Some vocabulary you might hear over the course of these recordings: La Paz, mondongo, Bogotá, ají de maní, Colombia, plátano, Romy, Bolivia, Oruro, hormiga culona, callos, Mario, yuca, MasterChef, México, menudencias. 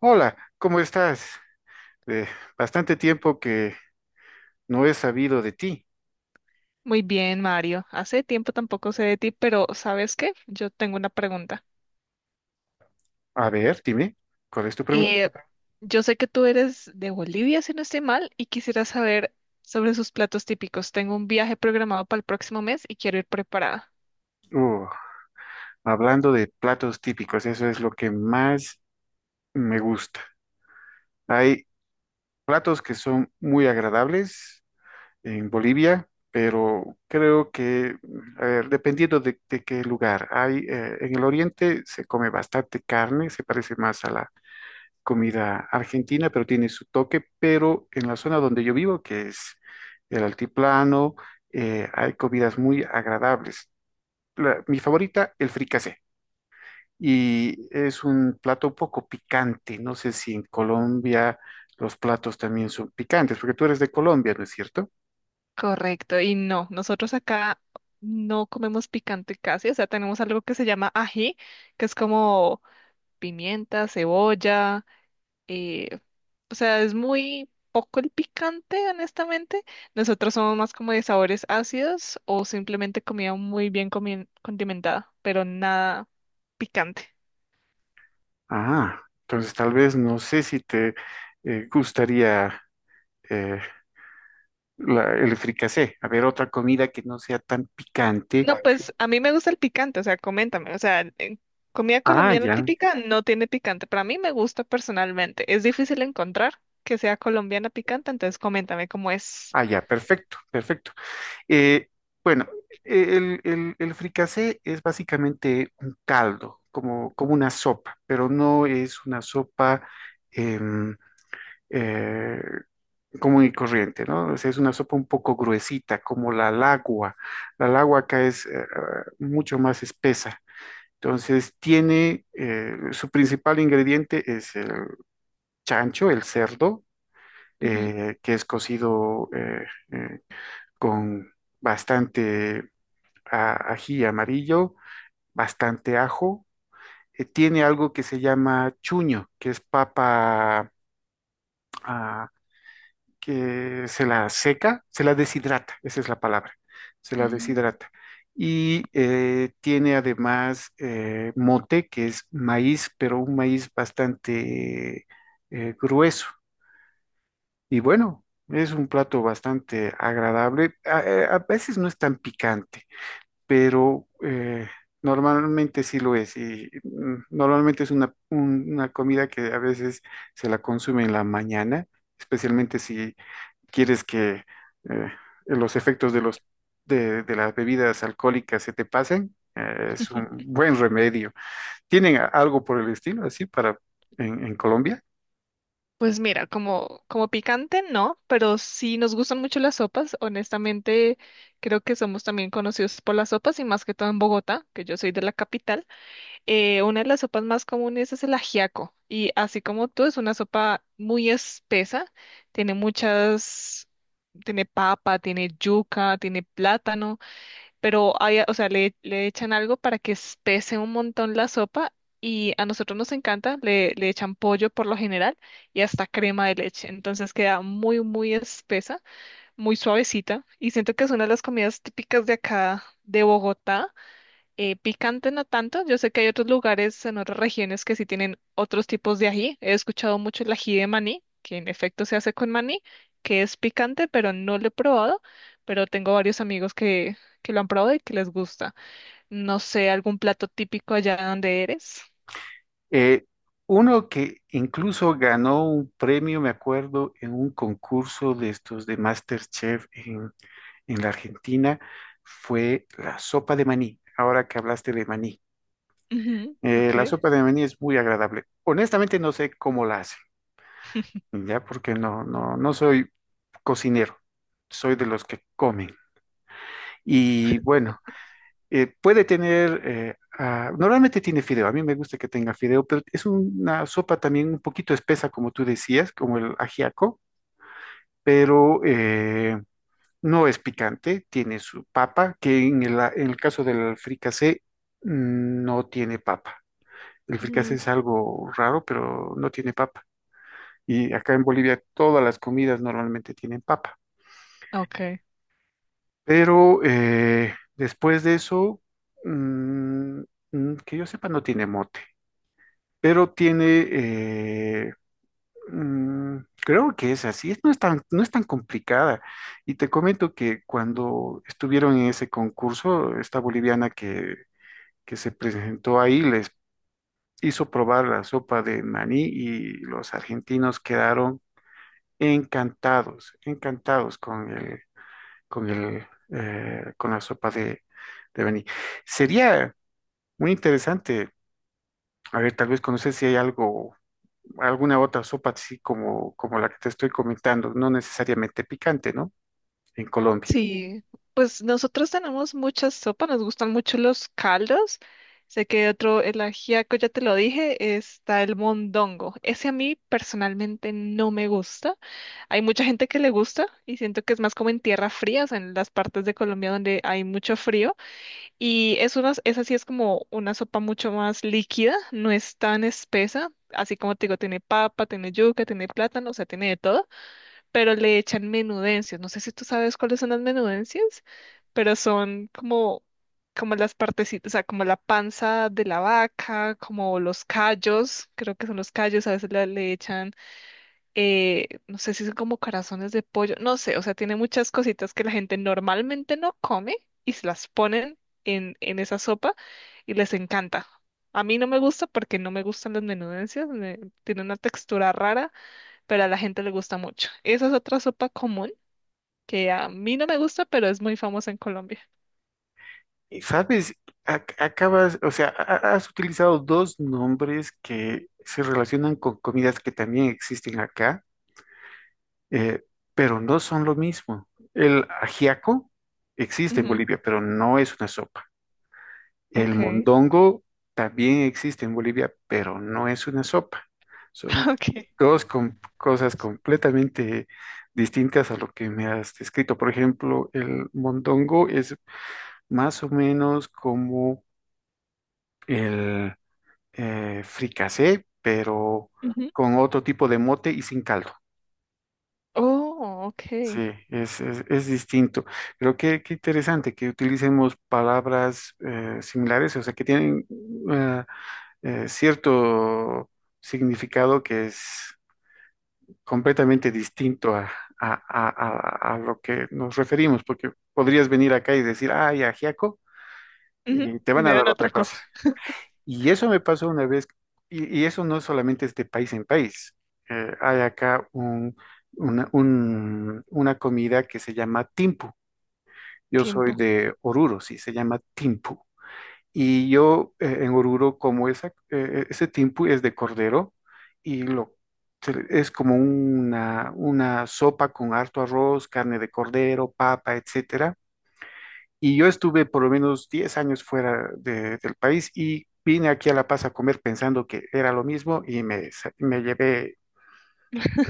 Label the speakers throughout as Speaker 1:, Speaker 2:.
Speaker 1: Hola, ¿cómo estás? Eh, Bastante tiempo que no he sabido de ti.
Speaker 2: Muy bien, Mario. Hace tiempo tampoco sé de ti, pero ¿sabes qué? Yo tengo una pregunta.
Speaker 1: A ver, dime, ¿cuál es tu pregunta?
Speaker 2: Eh, yo sé que tú eres de Bolivia, si no estoy mal, y quisiera saber sobre sus platos típicos. Tengo un viaje programado para el próximo mes y quiero ir preparada.
Speaker 1: Uh, Hablando de platos típicos, eso es lo que más me gusta. Hay platos que son muy agradables en Bolivia, pero creo que, a ver, dependiendo de qué lugar, hay, en el oriente se come bastante carne, se parece más a la comida argentina, pero tiene su toque, pero en la zona donde yo vivo, que es el altiplano, hay comidas muy agradables. Mi favorita, el fricasé, y es un plato un poco picante. No sé si en Colombia los platos también son picantes, porque tú eres de Colombia, ¿no es cierto?
Speaker 2: Correcto. Y no, nosotros acá no comemos picante casi, o sea, tenemos algo que se llama ají, que es como pimienta, cebolla, eh, o sea, es muy poco el picante, honestamente. Nosotros somos más como de sabores ácidos o simplemente comida muy bien condimentada, pero nada picante.
Speaker 1: Ah, entonces tal vez no sé si te gustaría eh, el fricasé. A ver, otra comida que no sea tan picante.
Speaker 2: No, vale, pues a mí me gusta el picante, o sea, coméntame. O sea, comida
Speaker 1: Ah,
Speaker 2: colombiana
Speaker 1: ya.
Speaker 2: típica no tiene picante, pero a mí me gusta personalmente. Es difícil encontrar que sea colombiana picante, entonces coméntame cómo es.
Speaker 1: Ah, ya, perfecto, perfecto. Eh, bueno, el fricasé es básicamente un caldo, como, como una sopa, pero no es una sopa em, eh, común y corriente, ¿no? O sea, es una sopa un poco gruesita, como la lagua. La lagua acá es mucho más espesa. Entonces, tiene su principal ingrediente es el chancho, el cerdo,
Speaker 2: Ujú.
Speaker 1: que es cocido. Eh, con bastante ají amarillo, bastante ajo. Tiene algo que se llama chuño, que es papa, ah, que se la seca, se la deshidrata, esa es la palabra, se la
Speaker 2: Mm.
Speaker 1: deshidrata. Y tiene además mote, que es maíz, pero un maíz bastante grueso. Y bueno, es un plato bastante agradable. A veces no es tan picante, pero normalmente sí lo es. Y normalmente es una, una comida que a veces se la consume en la mañana, especialmente si quieres que eh, los efectos de los, de las bebidas alcohólicas se te pasen. Es un buen remedio. ¿Tienen algo por el estilo así para en Colombia?
Speaker 2: Pues mira, como picante, no, pero sí nos gustan mucho las sopas. Honestamente, creo que somos también conocidos por las sopas y más que todo en Bogotá, que yo soy de la capital. Una de las sopas más comunes es el ajiaco y así como tú, es una sopa muy espesa, tiene muchas, tiene papa, tiene yuca, tiene plátano, pero hay, o sea, le echan algo para que espese un montón la sopa y a nosotros nos encanta, le echan pollo por lo general y hasta crema de leche, entonces queda muy, muy espesa, muy suavecita y siento que es una de las comidas típicas de acá de Bogotá. Picante no tanto. Yo sé que hay otros lugares en otras regiones que sí tienen otros tipos de ají. He escuchado mucho el ají de maní, que en efecto se hace con maní, que es picante, pero no lo he probado. Pero tengo varios amigos que lo han probado y que les gusta. No sé, algún plato típico allá donde eres.
Speaker 1: Eh, Uno que incluso ganó un premio, me acuerdo, en un concurso de estos de MasterChef en la Argentina fue la sopa de maní, ahora que hablaste de maní.
Speaker 2: Ujú, ok.
Speaker 1: La sopa de maní es muy agradable. Honestamente no sé cómo la hacen, ya porque no soy cocinero, soy de los que comen. Y bueno, puede tener, normalmente tiene fideo, a mí me gusta que tenga fideo, pero es una sopa también un poquito espesa, como tú decías, como el ajiaco, pero... no es picante, tiene su papa, que en el caso del fricasé no tiene papa. El fricasé
Speaker 2: Ujú,
Speaker 1: es algo raro, pero no tiene papa. Y acá en Bolivia todas las comidas normalmente tienen papa.
Speaker 2: ok.
Speaker 1: Pero después de eso, mm, que yo sepa, no tiene mote, pero tiene eh, Mm, creo que es así, no es tan, no es tan complicada. Y te comento que cuando estuvieron en ese concurso, esta boliviana que se presentó ahí les hizo probar la sopa de maní y los argentinos quedaron encantados, encantados con el, con el, con la sopa de maní. Sería muy interesante, a ver, tal vez conocer si hay algo, alguna otra sopa así como, como la que te estoy comentando, no necesariamente picante, ¿no? En Colombia.
Speaker 2: Sí, pues nosotros tenemos muchas sopas, nos gustan mucho los caldos. Sé que otro, el ajiaco, ya te lo dije, está el mondongo. Ese a mí personalmente no me gusta. Hay mucha gente que le gusta y siento que es más como en tierra fría, o sea, en las partes de Colombia donde hay mucho frío. Y es una, esa sí es como una sopa mucho más líquida, no es tan espesa. Así como te digo, tiene papa, tiene yuca, tiene plátano, o sea, tiene de todo, pero le echan menudencias. No sé si tú sabes cuáles son las menudencias, pero son como, como las partecitas, o sea, como la panza de la vaca, como los callos, creo que son los callos, a veces le echan, no sé si son como corazones de pollo, no sé, o sea, tiene muchas cositas que la gente normalmente no come y se las ponen en esa sopa y les encanta. A mí no me gusta porque no me gustan las menudencias, tiene una textura rara, pero a la gente le gusta mucho. Esa es otra sopa común que a mí no me gusta, pero es muy famosa en Colombia.
Speaker 1: Y ¿sabes? Acabas, o sea, has utilizado dos nombres que se relacionan con comidas que también existen acá, eh, pero no son lo mismo. El ajiaco existe en
Speaker 2: Ujú,
Speaker 1: Bolivia, pero no es una sopa. El
Speaker 2: ok,
Speaker 1: mondongo también existe en Bolivia, pero no es una sopa. Son
Speaker 2: ok.
Speaker 1: cosas completamente distintas a lo que me has descrito. Por ejemplo, el mondongo es más o menos como el fricasé, pero
Speaker 2: Ujú.
Speaker 1: con otro tipo de mote y sin caldo.
Speaker 2: Oh, ok.
Speaker 1: Sí, es distinto. Creo que qué interesante que utilicemos palabras similares, o sea, que tienen eh, cierto significado que es completamente distinto a, a- a- a lo que nos referimos, porque podrías venir acá y decir, ay, ajiaco,
Speaker 2: Ujú.
Speaker 1: y te
Speaker 2: Y
Speaker 1: van
Speaker 2: me
Speaker 1: a dar
Speaker 2: dan otra
Speaker 1: otra cosa.
Speaker 2: cosa.
Speaker 1: Y eso me pasó una vez, y eso no solamente es de país en país. Hay acá una comida que se llama timpu. Yo soy
Speaker 2: Tiempo.
Speaker 1: de Oruro, sí, se llama timpu. Y yo en Oruro como esa, ese tiempo es de cordero y lo, es como una sopa con harto arroz, carne de cordero, papa, etcétera. Y yo estuve por lo menos 10 años fuera del país y vine aquí a La Paz a comer pensando que era lo mismo y me, me llevé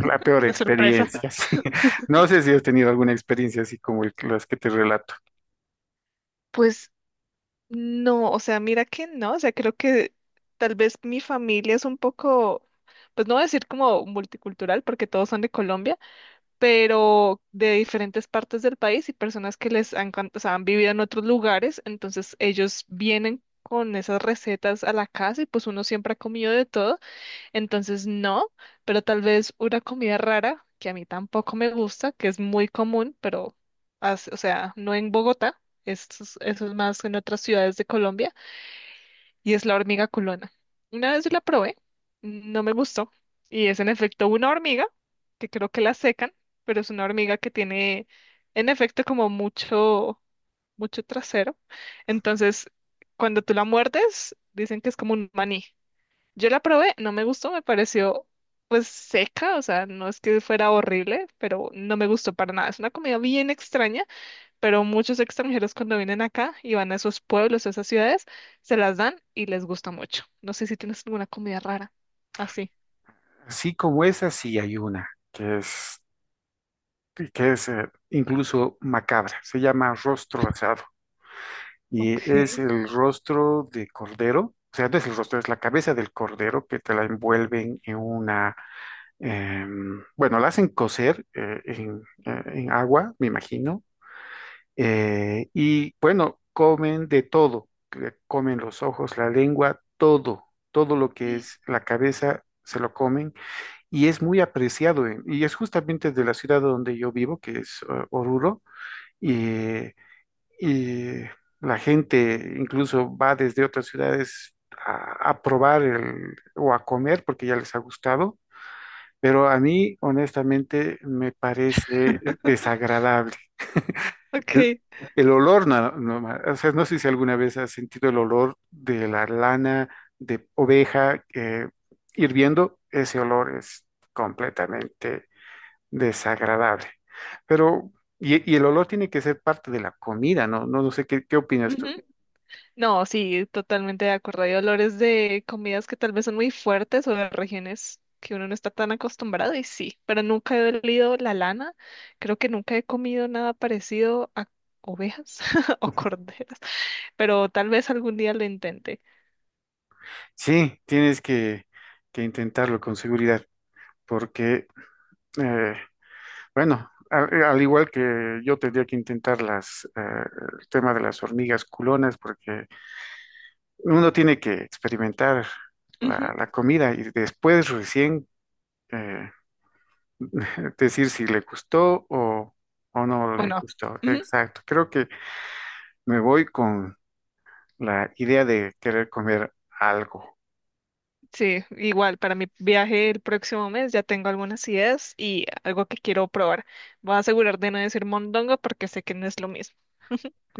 Speaker 1: la peor
Speaker 2: Una sorpresa.
Speaker 1: experiencia. Sí. No sé si has tenido alguna experiencia así como las que te relato.
Speaker 2: Pues no, o sea, mira que no, o sea, creo que tal vez mi familia es un poco, pues no voy a decir como multicultural, porque todos son de Colombia, pero de diferentes partes del país y personas que les han, o sea, han vivido en otros lugares, entonces ellos vienen con esas recetas a la casa y pues uno siempre ha comido de todo, entonces no, pero tal vez una comida rara que a mí tampoco me gusta, que es muy común, pero, o sea, no en Bogotá, eso es más en otras ciudades de Colombia y es la hormiga culona. Una vez la probé, no me gustó y es en efecto una hormiga que creo que la secan, pero es una hormiga que tiene en efecto como mucho, mucho trasero. Entonces, cuando tú la muerdes, dicen que es como un maní. Yo la probé, no me gustó, me pareció pues seca, o sea, no es que fuera horrible, pero no me gustó para nada. Es una comida bien extraña, pero muchos extranjeros cuando vienen acá y van a esos pueblos, a esas ciudades, se las dan y les gusta mucho. No sé si tienes alguna comida rara así.
Speaker 1: Así como esa, sí hay una, que es y que es incluso macabra. Se llama rostro asado y es
Speaker 2: Okay.
Speaker 1: el rostro de cordero, o sea, no es el rostro, es la cabeza del cordero que te la envuelven en una, bueno, la hacen cocer en agua, me imagino, y bueno, comen de todo, que comen los ojos, la lengua, todo, todo lo que es la cabeza. Se lo comen y es muy apreciado y es justamente de la ciudad donde yo vivo, que es Oruro, y, y la gente incluso va desde otras ciudades a probar el, o a comer porque ya les ha gustado, pero a mí honestamente me parece desagradable. El,
Speaker 2: Okay.
Speaker 1: el olor, no, no, o sea, no sé si alguna vez has sentido el olor de la lana de oveja hirviendo, ese olor es completamente desagradable. Pero, y el olor tiene que ser parte de la comida, ¿no? No, no sé qué, qué opinas tú.
Speaker 2: Ujú. No, sí, totalmente de acuerdo. Hay olores de comidas que tal vez son muy fuertes o de regiones que uno no está tan acostumbrado y sí, pero nunca he olido la lana. Creo que nunca he comido nada parecido a ovejas o corderas, pero tal vez algún día lo intente.
Speaker 1: Sí, tienes que intentarlo con seguridad, porque, eh, bueno, al igual que yo tendría que intentar las, el tema de las hormigas culonas, porque uno tiene que experimentar la,
Speaker 2: Ujú.
Speaker 1: la comida y después recién eh, decir si le gustó o no
Speaker 2: ¿O
Speaker 1: le
Speaker 2: no?
Speaker 1: gustó. Exacto. Creo que me voy con la idea de querer comer algo.
Speaker 2: Sí, igual para mi viaje el próximo mes ya tengo algunas ideas y algo que quiero probar. Voy a asegurar de no decir mondongo porque sé que no es lo mismo.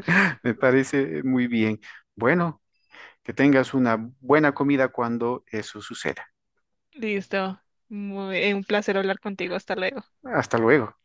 Speaker 1: Me parece muy bien. Bueno, que tengas una buena comida cuando eso suceda.
Speaker 2: Listo. Un placer hablar contigo. Hasta luego.
Speaker 1: Hasta luego.